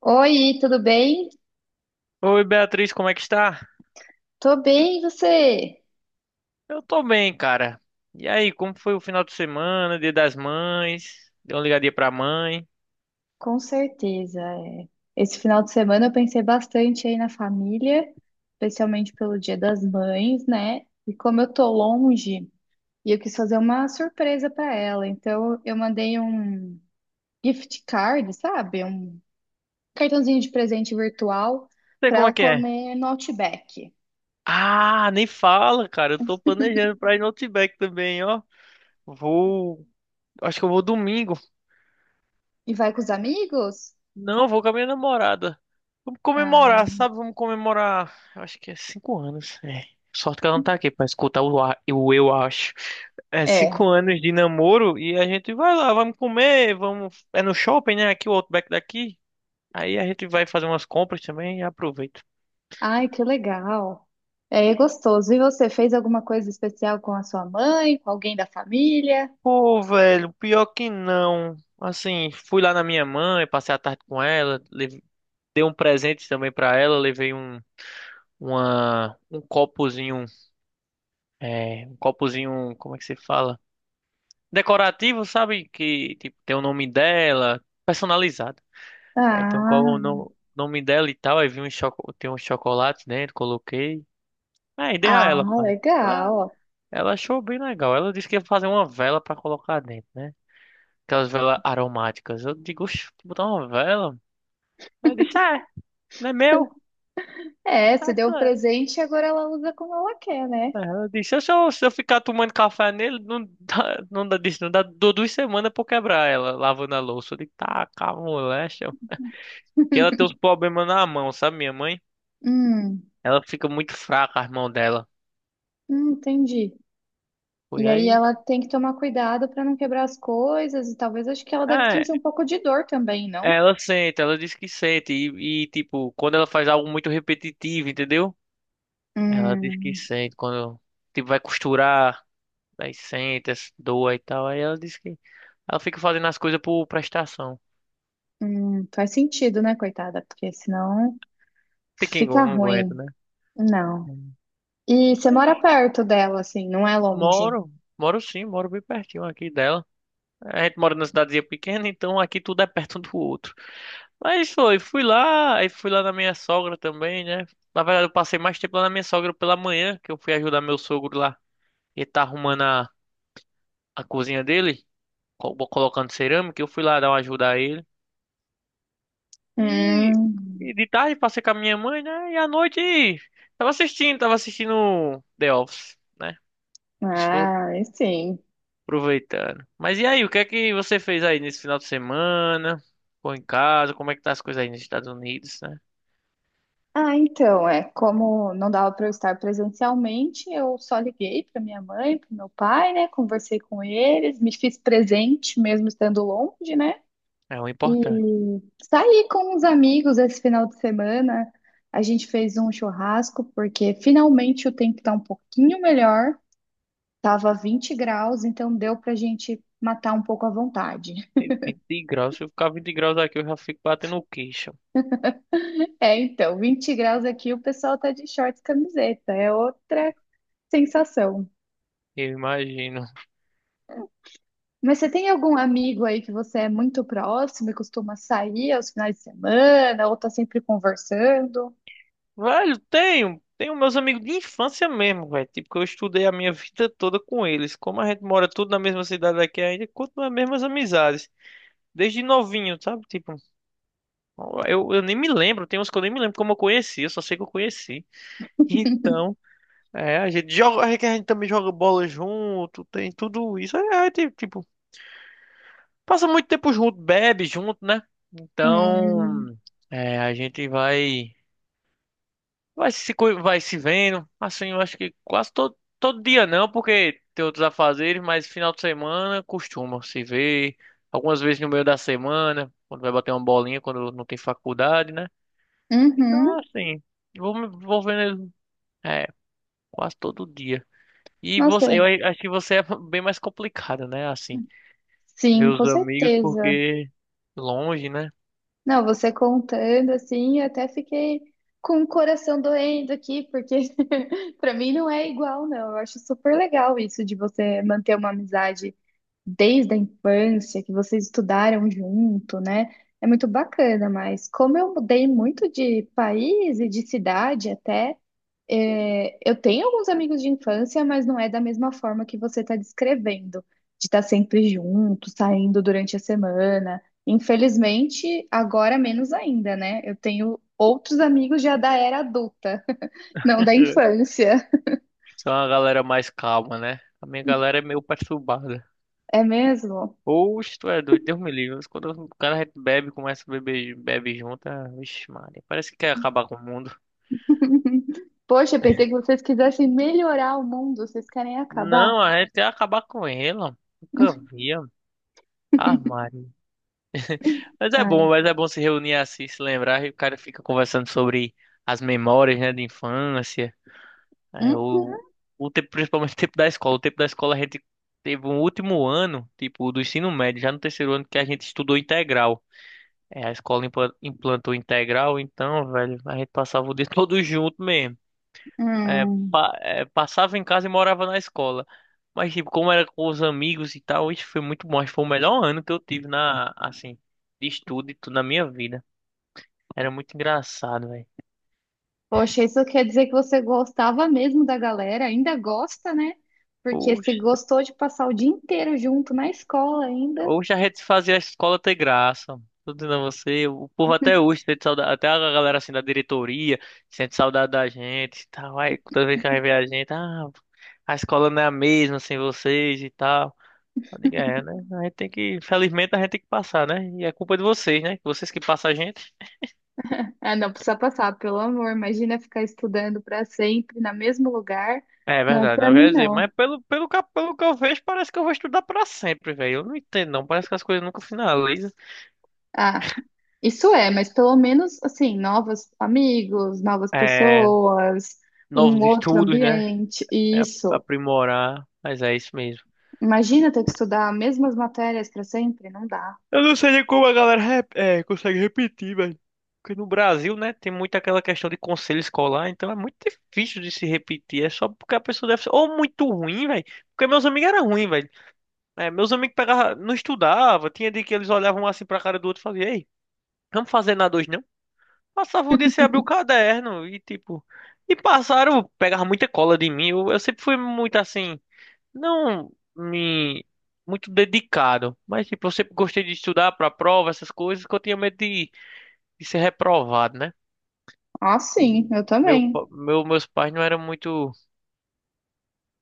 Oi, tudo bem? Oi, Beatriz, como é que está? Tô bem, e você? Eu tô bem, cara. E aí, como foi o final de semana, Dia das Mães? Deu uma ligadinha pra mãe? Não Com certeza. É. Esse final de semana eu pensei bastante aí na família, especialmente pelo Dia das Mães, né? E como eu tô longe, e eu quis fazer uma surpresa pra ela, então eu mandei um gift card, sabe? Um cartãozinho de presente virtual sei pra como é ela que é. comer no Outback. Ah, nem fala, cara. Eu tô planejando pra ir no Outback também, ó. Vou. Acho que eu vou domingo. E vai com os amigos? Não, vou com a minha namorada. Vamos Ah, comemorar, sabe? Vamos comemorar. Eu acho que é 5 anos. É. Sorte que ela não tá aqui pra escutar o eu acho. É é. cinco anos de namoro e a gente vai lá, vamos comer, vamos. É no shopping, né? Aqui o Outback daqui. Aí a gente vai fazer umas compras também e aproveita. Ai, que legal. É gostoso. E você fez alguma coisa especial com a sua mãe, com alguém da família? Pô, velho, pior que não. Assim, fui lá na minha mãe, passei a tarde com ela, dei um presente também pra ela, levei um copozinho. É, um copozinho, como é que se fala? Decorativo, sabe? Que tipo, tem o nome dela, personalizado. É, então, qual é Ah, o nome dela e tal? Aí tem um chocolate dentro, coloquei. É, ideia a ah, ela, cara. Ela, legal. ela achou bem legal. Ela disse que ia fazer uma vela pra colocar dentro, né? Aquelas velas aromáticas. Eu digo, oxe, botar uma vela? Ela disse, é, não é meu. É, você deu o presente e agora ela usa como ela quer, né? É, ela disse, se eu ficar tomando café nele, não dá, não dá, disse, não dá. Dou 2 semanas pra eu quebrar ela, lavando a louça. Eu digo, tá, calma, moléstia, que ela tem uns problemas na mão, sabe, minha mãe? Hum, Ela fica muito fraca, as mãos dela. Entendi. Foi E aí aí. ela tem que tomar cuidado para não quebrar as coisas e talvez acho que ela deve É, sentir um pouco de dor também, não? ela sente, ela diz que sente. E, tipo, quando ela faz algo muito repetitivo, entendeu? Ela diz que Hum, sente. Quando, tipo, vai costurar, aí sente, essa dor e tal. Aí ela diz que ela fica fazendo as coisas por prestação. Faz sentido, né, coitada? Porque senão Tem quem fica não aguenta, ruim. né? Não. E você Mas mora perto dela, assim, não é longe. Moro, moro sim, moro bem pertinho aqui dela. A gente mora numa cidadezinha pequena, então aqui tudo é perto um do outro. Mas fui lá, aí fui lá na minha sogra também, né? Na verdade, eu passei mais tempo lá na minha sogra pela manhã, que eu fui ajudar meu sogro lá. Ele tá arrumando a cozinha dele, colocando cerâmica, eu fui lá dar uma ajuda a ele. E, Hum, e de tarde passei com a minha mãe, né? E à noite tava assistindo The Office, né? Isso foi ah, aí sim. Aproveitando. Mas e aí, o que é que você fez aí nesse final de semana? Ficou em casa? Como é que tá as coisas aí nos Estados Unidos, né? Ah, então, é, como não dava para eu estar presencialmente, eu só liguei para minha mãe, para meu pai, né? Conversei com eles, me fiz presente mesmo estando longe, né? É o importante. E saí com uns amigos esse final de semana. A gente fez um churrasco porque finalmente o tempo tá um pouquinho melhor. Tava 20 graus, então deu pra gente matar um pouco à vontade. 20 graus, se eu ficar 20 graus aqui, eu já fico batendo o queixo. É, então, 20 graus aqui, o pessoal tá de shorts e camiseta, é outra sensação. Eu imagino. Mas você tem algum amigo aí que você é muito próximo e costuma sair aos finais de semana, ou tá sempre conversando? Velho, tenho. Meus amigos de infância mesmo, velho. Tipo, que eu estudei a minha vida toda com eles. Como a gente mora tudo na mesma cidade aqui ainda, continua as mesmas amizades. Desde novinho, sabe? Tipo, eu nem me lembro. Tem uns que eu nem me lembro como eu conheci. Eu só sei que eu conheci. Então. É, a gente joga, é que a gente também joga bola junto, tem tudo isso. Tipo, passa muito tempo junto, bebe junto, né? Hum, Então, a gente vai se vendo. Assim, eu acho que quase todo dia não, porque tem outros afazeres, mas final de semana costuma se ver algumas vezes no meio da semana, quando vai bater uma bolinha, quando não tem faculdade, né? Então, é uhum, assim, vou vendo ele, é, quase todo dia. E você, nossa, eu acho que você é bem mais complicado, né? Assim, ver sim, os com amigos certeza. porque longe, né? Não, você contando assim, eu até fiquei com o coração doendo aqui, porque pra mim não é igual, não. Eu acho super legal isso de você manter uma amizade desde a infância, que vocês estudaram junto, né? É muito bacana, mas como eu mudei muito de país e de cidade até, é, eu tenho alguns amigos de infância, mas não é da mesma forma que você está descrevendo, de estar sempre junto, saindo durante a semana. Infelizmente, agora menos ainda, né? Eu tenho outros amigos já da era adulta, não da infância. São uma galera mais calma, né? A minha galera é meio perturbada. É mesmo? Oxe, tu é doido, Deus me livre. Mas quando o cara bebe, começa a beber, bebe junto, ah, vixe, Maria, parece que quer acabar com o mundo. Poxa, pensei que vocês quisessem melhorar o mundo, vocês querem acabar? Não, a gente quer acabar com ele, ó. Nunca via. Ah, Maria. Ah, é. Mas é bom se reunir assim, se lembrar, e o cara fica conversando sobre as memórias, né, de infância. É, o, Uhum. o tempo, principalmente o tempo da escola. O tempo da escola a gente teve um último ano, tipo, do ensino médio, já no terceiro ano que a gente estudou integral. É, a escola implantou integral, então, velho, a gente passava o dia todo junto mesmo. É, Hum. Passava em casa e morava na escola. Mas, tipo, como era com os amigos e tal, isso foi muito bom. Acho que foi o melhor ano que eu tive na, assim, de estudo e tudo na minha vida. Era muito engraçado, Poxa, isso quer dizer que você gostava mesmo da galera, ainda gosta, né? Porque velho. se gostou de passar o dia inteiro junto na escola ainda. Hoje a gente fazia a escola ter graça. Tô dizendo a você, o povo até hoje sente saudade, até a galera assim da diretoria sente saudade da gente e tal. Aí toda vez que vai a gente, ah, a escola não é a mesma sem vocês e tal. Eu digo, é, né? A gente tem que, felizmente a gente tem que passar, né? E é culpa de vocês, né? Vocês que passam a gente. Ah, não precisa passar, pelo amor. Imagina ficar estudando para sempre no mesmo lugar. É Não é verdade, para não mim, quer dizer, não. mas pelo que eu vejo, parece que eu vou estudar pra sempre, velho. Eu não entendo, não. Parece que as coisas nunca finalizam. Ah, isso é, mas pelo menos, assim, novos amigos, novas É, pessoas, um novos outro estudos, né? ambiente, É isso. aprimorar, mas é isso mesmo. Imagina ter que estudar as mesmas matérias para sempre, não dá. Eu não sei nem como a galera consegue repetir, velho. Porque no Brasil, né, tem muito aquela questão de conselho escolar, então é muito difícil de se repetir. É só porque a pessoa deve ser ou muito ruim, velho. Porque meus amigos eram ruins, velho. É, meus amigos pegavam, não estudavam, tinha dia que eles olhavam um assim pra cara do outro e faziam, ei, vamos fazer nada hoje não? Passava o dia sem abrir o caderno e tipo. E passaram, pegava muita cola de mim. Eu sempre fui muito assim. Não me muito dedicado, mas tipo, eu sempre gostei de estudar para prova, essas coisas, que eu tinha medo de ser reprovado, né? Ah, sim, eu Meu, também. pa- meu, meus pais não eram muito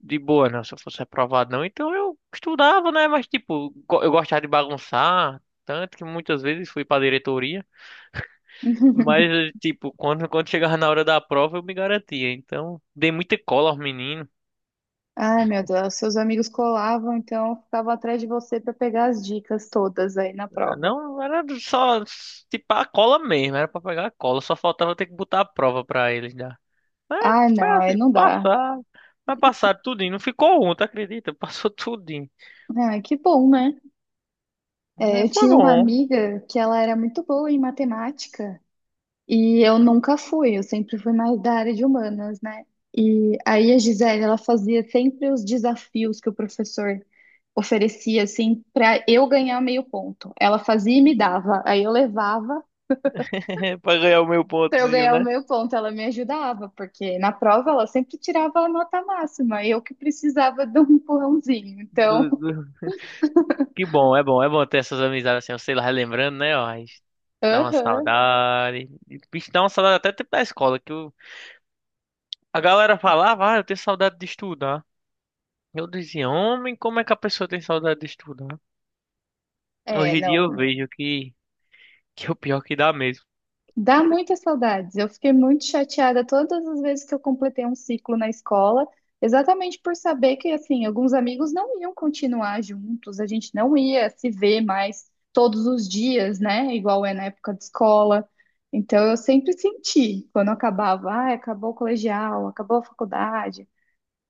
de boa, não, se eu fosse reprovado, não. Então eu estudava, né? Mas tipo, eu gostava de bagunçar, tanto que muitas vezes fui para diretoria. Mas, tipo, quando chegava na hora da prova, eu me garantia. Então, dei muita cola aos meninos. Ai, meu Deus, seus amigos colavam, então eu ficava atrás de você para pegar as dicas todas aí na prova. Não, era só tipo a cola mesmo, era pra pegar a cola, só faltava ter que botar a prova pra eles dar. Mas Ah, foi não, aí assim, não dá. passar, mas passaram tudinho, não ficou um, tu acredita? Passou tudinho. Ah, que bom, né? É, É, eu foi tinha uma bom, amiga que ela era muito boa em matemática e eu nunca fui, eu sempre fui mais da área de humanas, né? E aí a Gisele, ela fazia sempre os desafios que o professor oferecia, assim, para eu ganhar meio ponto. Ela fazia e me dava, aí eu levava. pra ganhar o meu Para eu pontozinho, ganhar o né? meu ponto, ela me ajudava, porque na prova ela sempre tirava a nota máxima, eu que precisava de um empurrãozinho. Do- Então, do- Que bom, é bom, é bom ter essas amizades assim, eu sei lá, relembrando, né? Ó, aí dá uma aham, saudade. E, bicho, dá uma saudade até tempo da escola, que a galera falava, ah, eu tenho saudade de estudar. Eu dizia, homem, como é que a pessoa tem saudade de estudar? é, Hoje em dia eu não, vejo que é o pior que dá mesmo. dá muitas saudades. Eu fiquei muito chateada todas as vezes que eu completei um ciclo na escola, exatamente por saber que, assim, alguns amigos não iam continuar juntos, a gente não ia se ver mais todos os dias, né? Igual é na época de escola. Então, eu sempre senti, quando acabava, ah, acabou o colegial, acabou a faculdade.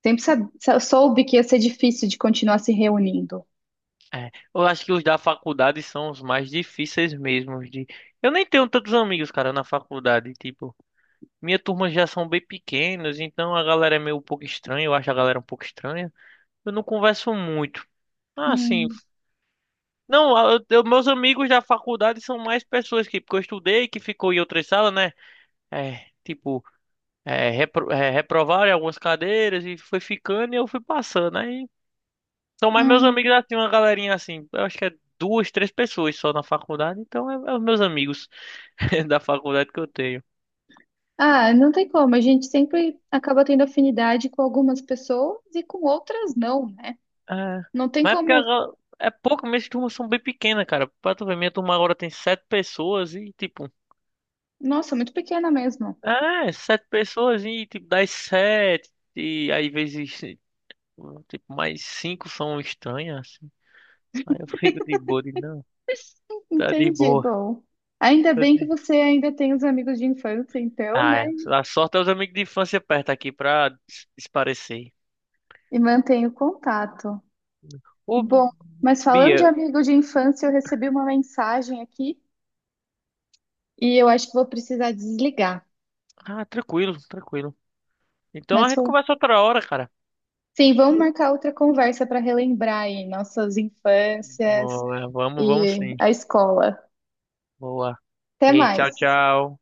Sempre soube que ia ser difícil de continuar se reunindo. É, eu acho que os da faculdade são os mais difíceis mesmo de. Eu nem tenho tantos amigos, cara, na faculdade, tipo, minha turma já são bem pequenos, então a galera é meio um pouco estranha, eu acho a galera um pouco estranha. Eu não converso muito. Ah, sim. Hum, Não, meus amigos da faculdade são mais pessoas que, porque eu estudei, que ficou em outras salas, né? É, tipo, reprovaram em algumas cadeiras e foi ficando e eu fui passando. Aí são mais meus hum. amigos assim, uma galerinha assim. Eu acho que é duas, três pessoas só na faculdade. Então é os meus amigos da faculdade que eu tenho. Ah, não tem como. A gente sempre acaba tendo afinidade com algumas pessoas e com outras não, né? É, Não tem mas é porque como. É pouco, minhas turmas são bem pequenas, cara. Pra tu ver, minha turma agora tem sete pessoas e tipo. Nossa, muito pequena mesmo. É, sete pessoas e tipo, das sete. E aí vezes tipo, mais cinco são estranhas, assim. Aí eu fico de boa, de não. Tá de Entendi. boa. Bom, ainda Tá bem que de... você ainda tem os amigos de infância, então, Ah, né? é. A sorte é os amigos de infância perto aqui pra desaparecer. E mantém o contato. Ô, Bom, mas falando de Bia, amigo de infância, eu recebi uma mensagem aqui e eu acho que vou precisar desligar. ah, tranquilo, tranquilo. Então a Mas gente foi conversa outra hora, cara. sim, vamos marcar outra conversa para relembrar aí nossas infâncias Boa, vamos, vamos e sim. a escola. Boa. Até Ei, tchau, mais. tchau.